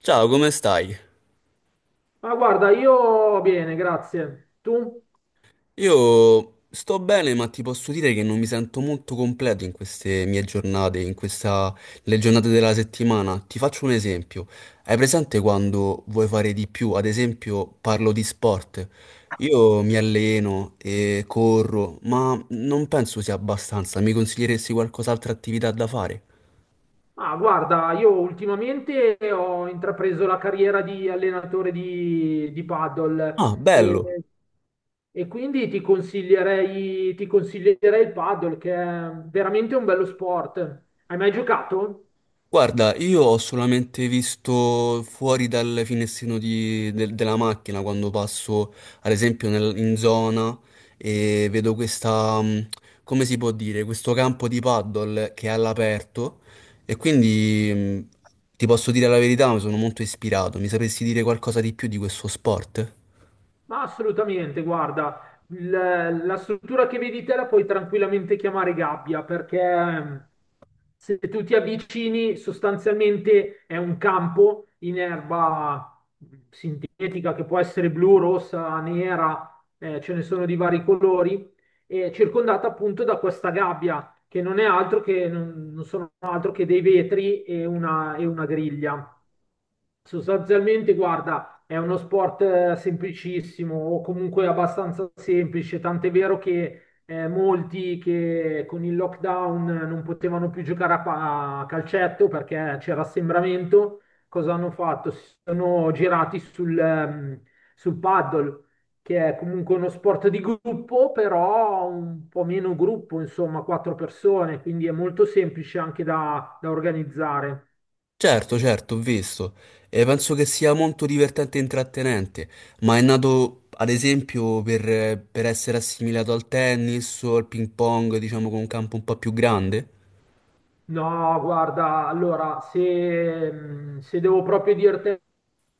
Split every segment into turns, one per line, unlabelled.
Ciao, come stai?
Ma guarda, io bene, grazie. Tu?
Io sto bene, ma ti posso dire che non mi sento molto completo in queste mie giornate, in le giornate della settimana. Ti faccio un esempio. Hai presente quando vuoi fare di più? Ad esempio, parlo di sport. Io mi alleno e corro, ma non penso sia abbastanza. Mi consiglieresti qualcos'altra attività da fare?
Ah, guarda, io ultimamente ho intrapreso la carriera di allenatore di
Ah,
paddle e,
bello!
e quindi ti consiglierei il paddle che è veramente un bello sport. Hai mai giocato?
Guarda, io ho solamente visto fuori dal finestrino della macchina quando passo, ad esempio, in zona e vedo questa, come si può dire, questo campo di paddle che è all'aperto e quindi mh, ti posso dire la verità, mi sono molto ispirato. Mi sapresti dire qualcosa di più di questo sport?
Ma assolutamente, guarda, la struttura che vedi te la puoi tranquillamente chiamare gabbia perché se tu ti avvicini, sostanzialmente è un campo in erba sintetica che può essere blu, rossa, nera, ce ne sono di vari colori, e circondata appunto da questa gabbia che non sono altro che dei vetri e una griglia. Sostanzialmente, guarda, è uno sport semplicissimo o comunque abbastanza semplice, tant'è vero che molti che con il lockdown non potevano più giocare a calcetto perché c'era assembramento, cosa hanno fatto? Si sono girati sul paddle, che è comunque uno sport di gruppo, però un po' meno gruppo, insomma, quattro persone, quindi è molto semplice anche da organizzare.
Certo, certo, ho visto. E penso che sia molto divertente e intrattenente, ma è nato, ad esempio, per essere assimilato al tennis o al ping pong, diciamo, con un campo un po' più grande?
No, guarda, allora, se devo proprio dirti,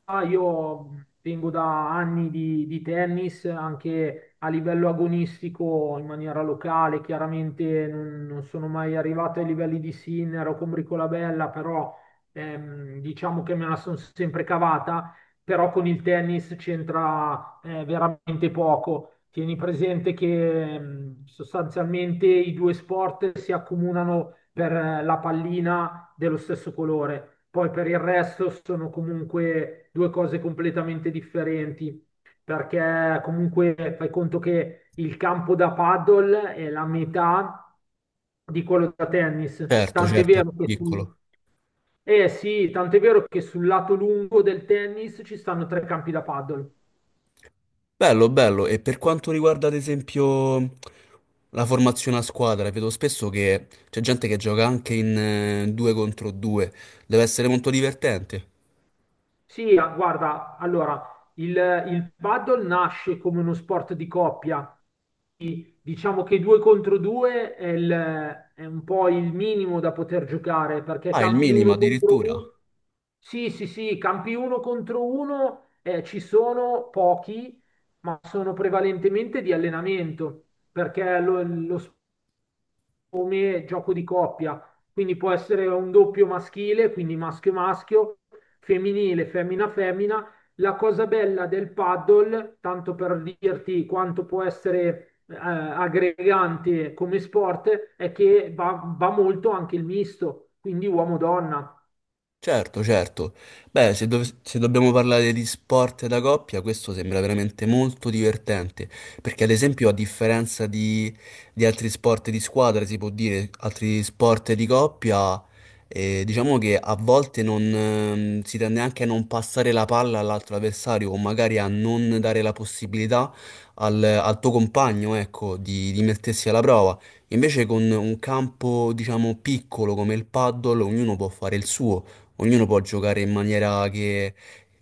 io vengo da anni di tennis, anche a livello agonistico, in maniera locale, chiaramente non sono mai arrivato ai livelli di Sinner o con Bricolabella, però diciamo che me la sono sempre cavata, però con il tennis c'entra veramente poco. Tieni presente che sostanzialmente i due sport si accomunano per la pallina dello stesso colore, poi per il resto sono comunque due cose completamente differenti, perché comunque fai conto che il campo da paddle è la metà di quello da tennis,
Certo,
tant'è
certo,
vero che
piccolo.
eh sì, tant'è vero che sul lato lungo del tennis ci stanno tre campi da paddle.
Bello, bello. E per quanto riguarda, ad esempio, la formazione a squadra, vedo spesso che c'è gente che gioca anche in due contro due. Deve essere molto divertente.
Sì, guarda, allora, il, il paddle nasce come uno sport di coppia. Diciamo che due contro due è un po' il minimo da poter giocare, perché
Ah, il
campi
minimo
uno contro
addirittura.
uno. Sì, sì, sì, campi uno contro uno ci sono pochi, ma sono prevalentemente di allenamento, perché lo come gioco di coppia, quindi può essere un doppio maschile, quindi maschio maschio, femminile, femmina femmina. La cosa bella del paddle, tanto per dirti quanto può essere aggregante come sport, è che va, va molto anche il misto, quindi uomo-donna.
Certo, certo. Beh, se dobbiamo parlare di sport da coppia, questo sembra veramente molto divertente, perché ad esempio a differenza di altri sport di squadra, si può dire, altri sport di coppia, diciamo che a volte non, si tende anche a non passare la palla all'altro avversario o magari a non dare la possibilità al tuo compagno, ecco, di mettersi alla prova. Invece con un campo, diciamo, piccolo come il paddle, ognuno può fare il suo. Ognuno può giocare in maniera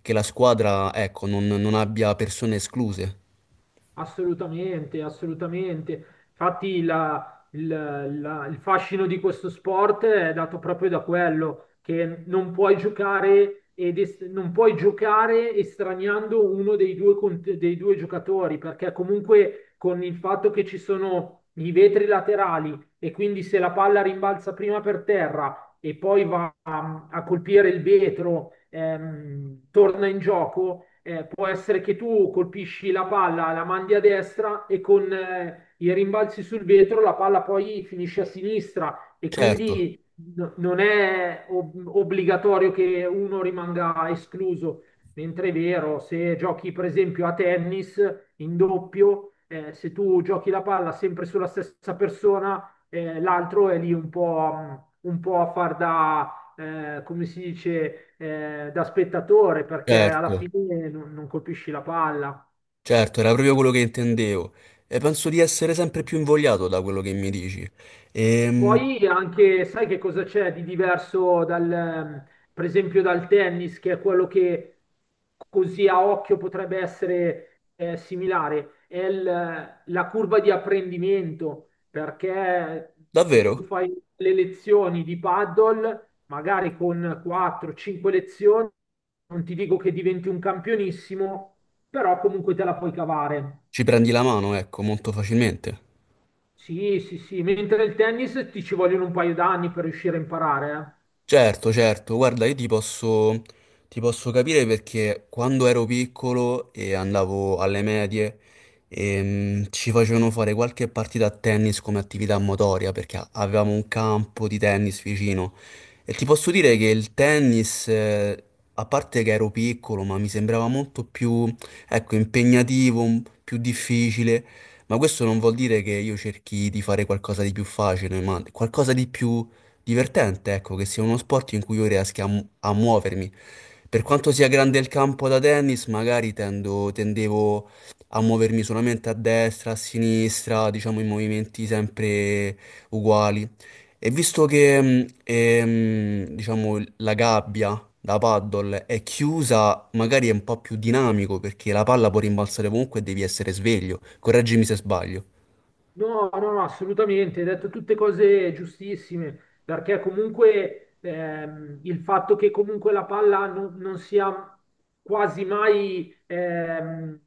che la squadra, ecco, non abbia persone escluse.
Assolutamente, assolutamente. Infatti il fascino di questo sport è dato proprio da quello, che non puoi giocare, non puoi giocare estraniando uno dei due, dei due giocatori, perché comunque con il fatto che ci sono i vetri laterali e quindi se la palla rimbalza prima per terra e poi va a colpire il vetro torna in gioco, può essere che tu colpisci la palla, la mandi a destra e con i rimbalzi sul vetro la palla poi finisce a sinistra e
Certo,
quindi non è obbligatorio che uno rimanga escluso. Mentre è vero, se giochi per esempio a tennis in doppio, se tu giochi la palla sempre sulla stessa persona, l'altro è lì un po' a far da come si dice, da spettatore, perché alla
certo,
fine non colpisci la palla.
certo, era proprio quello che intendevo. E penso di essere sempre più invogliato da quello che mi dici. Ehm,
Poi anche, sai che cosa c'è di diverso per esempio dal tennis, che è quello che così a occhio potrebbe essere similare, è la curva di apprendimento, perché se tu
davvero?
fai le lezioni di paddle, magari con 4-5 lezioni, non ti dico che diventi un campionissimo, però comunque te la puoi cavare.
Ci prendi la mano, ecco, molto facilmente.
Sì, sì, sì, mentre il tennis ti ci vogliono un paio d'anni per riuscire a imparare, eh.
Certo, certo, guarda, ti posso capire perché quando ero piccolo e andavo alle medie ci facevano fare qualche partita a tennis come attività motoria perché avevamo un campo di tennis vicino e ti posso dire che il tennis, a parte che ero piccolo, ma mi sembrava molto più, ecco, impegnativo, più difficile, ma questo non vuol dire che io cerchi di fare qualcosa di più facile, ma qualcosa di più divertente, ecco, che sia uno sport in cui io riesca a muovermi. Per quanto sia grande il campo da tennis, magari tendevo a muovermi solamente a destra, a sinistra, diciamo in movimenti sempre uguali. E visto che, diciamo, la gabbia da paddle è chiusa, magari è un po' più dinamico perché la palla può rimbalzare comunque e devi essere sveglio. Correggimi se sbaglio.
No, no, no, assolutamente, hai detto tutte cose giustissime, perché comunque il fatto che comunque la palla non sia quasi mai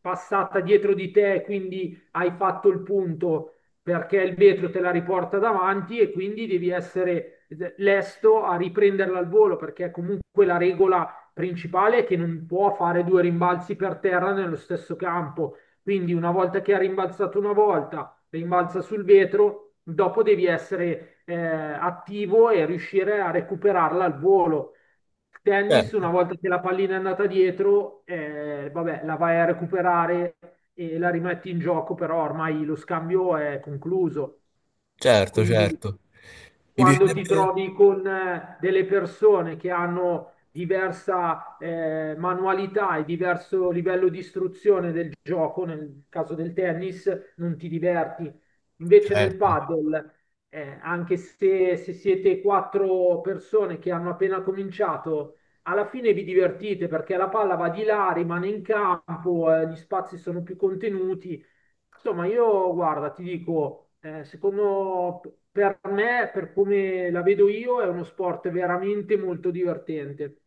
passata dietro di te, quindi hai fatto il punto, perché il vetro te la riporta davanti e quindi devi essere lesto a riprenderla al volo, perché comunque la regola principale è che non può fare due rimbalzi per terra nello stesso campo, quindi una volta che ha rimbalzato una volta rimbalza sul vetro, dopo devi essere attivo e riuscire a recuperarla al volo. Tennis, una
Certo,
volta che la pallina è andata dietro, vabbè, la vai a recuperare e la rimetti in gioco, però ormai lo scambio è concluso.
certo,
Quindi
certo. Mi
quando ti
piacerebbe?
trovi con delle persone che hanno diversa manualità e diverso livello di istruzione del gioco, nel caso del tennis, non ti diverti. Invece nel
Certo.
padel, anche se siete quattro persone che hanno appena cominciato, alla fine vi divertite perché la palla va di là, rimane in campo, gli spazi sono più contenuti. Insomma, io guarda, ti dico, secondo per me, per come la vedo io, è uno sport veramente molto divertente.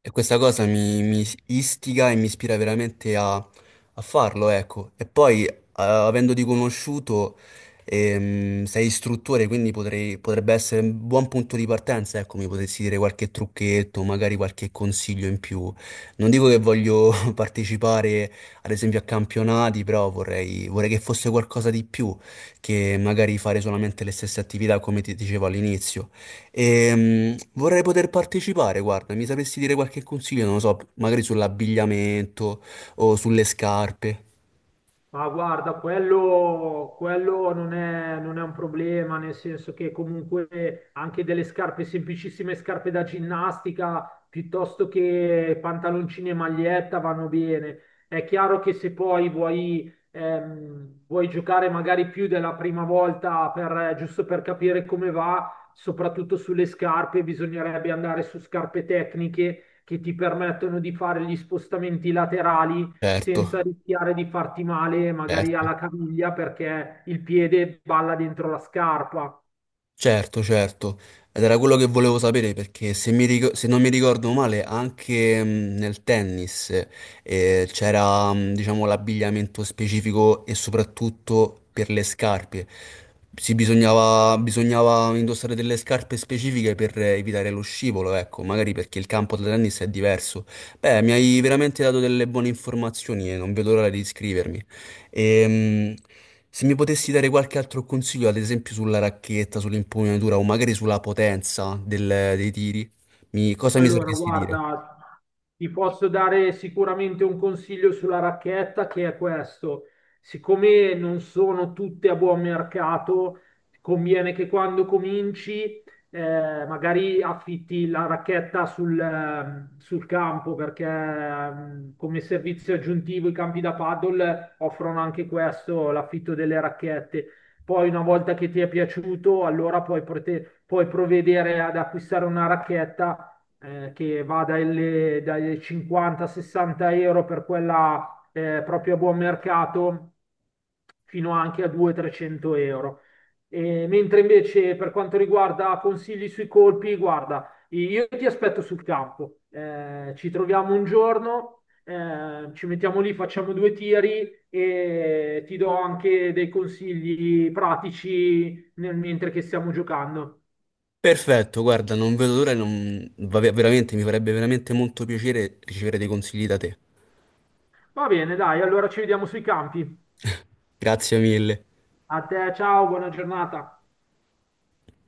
E questa cosa mi istiga e mi ispira veramente a farlo, ecco. E poi, avendoti conosciuto, sei istruttore, quindi potrebbe essere un buon punto di partenza, ecco, mi potresti dire qualche trucchetto, magari qualche consiglio in più. Non dico che voglio partecipare, ad esempio, a campionati, però vorrei che fosse qualcosa di più che magari fare solamente le stesse attività, come ti dicevo all'inizio. Vorrei poter partecipare, guarda, mi sapresti dire qualche consiglio, non lo so, magari sull'abbigliamento o sulle scarpe.
Ma guarda, quello non è un problema, nel senso che comunque anche delle scarpe, semplicissime scarpe da ginnastica, piuttosto che pantaloncini e maglietta vanno bene. È chiaro che se poi vuoi, vuoi giocare magari più della prima volta giusto per capire come va, soprattutto sulle scarpe, bisognerebbe andare su scarpe tecniche che ti permettono di fare gli spostamenti laterali
Certo,
senza rischiare di farti male magari
certo.
alla caviglia perché il piede balla dentro la scarpa.
Certo, certo, ed era quello che volevo sapere perché se non mi ricordo male anche nel tennis c'era diciamo l'abbigliamento specifico e soprattutto per le scarpe. Si bisognava, bisognava indossare delle scarpe specifiche per evitare lo scivolo, ecco, magari perché il campo da tennis è diverso. Beh, mi hai veramente dato delle buone informazioni e non vedo l'ora di iscrivermi. Ehm, se mi potessi dare qualche altro consiglio, ad esempio sulla racchetta, sull'impugnatura o magari sulla potenza dei tiri, cosa mi
Allora,
sapresti dire?
guarda, ti posso dare sicuramente un consiglio sulla racchetta che è questo. Siccome non sono tutte a buon mercato, conviene che quando cominci magari affitti la racchetta sul campo perché come servizio aggiuntivo i campi da paddle offrono anche questo, l'affitto delle racchette. Poi una volta che ti è piaciuto, allora puoi provvedere ad acquistare una racchetta che va dai 50-60 euro per quella proprio a buon mercato, fino anche a 200-300 euro. E mentre invece per quanto riguarda consigli sui colpi, guarda, io ti aspetto sul campo. Ci troviamo un giorno, ci mettiamo lì, facciamo due tiri e ti do anche dei consigli pratici mentre che stiamo giocando.
Perfetto, guarda, non vedo l'ora, vabbè, veramente, mi farebbe veramente molto piacere ricevere dei consigli da te.
Va bene, dai, allora ci vediamo sui campi.
Grazie mille.
A te, ciao, buona giornata.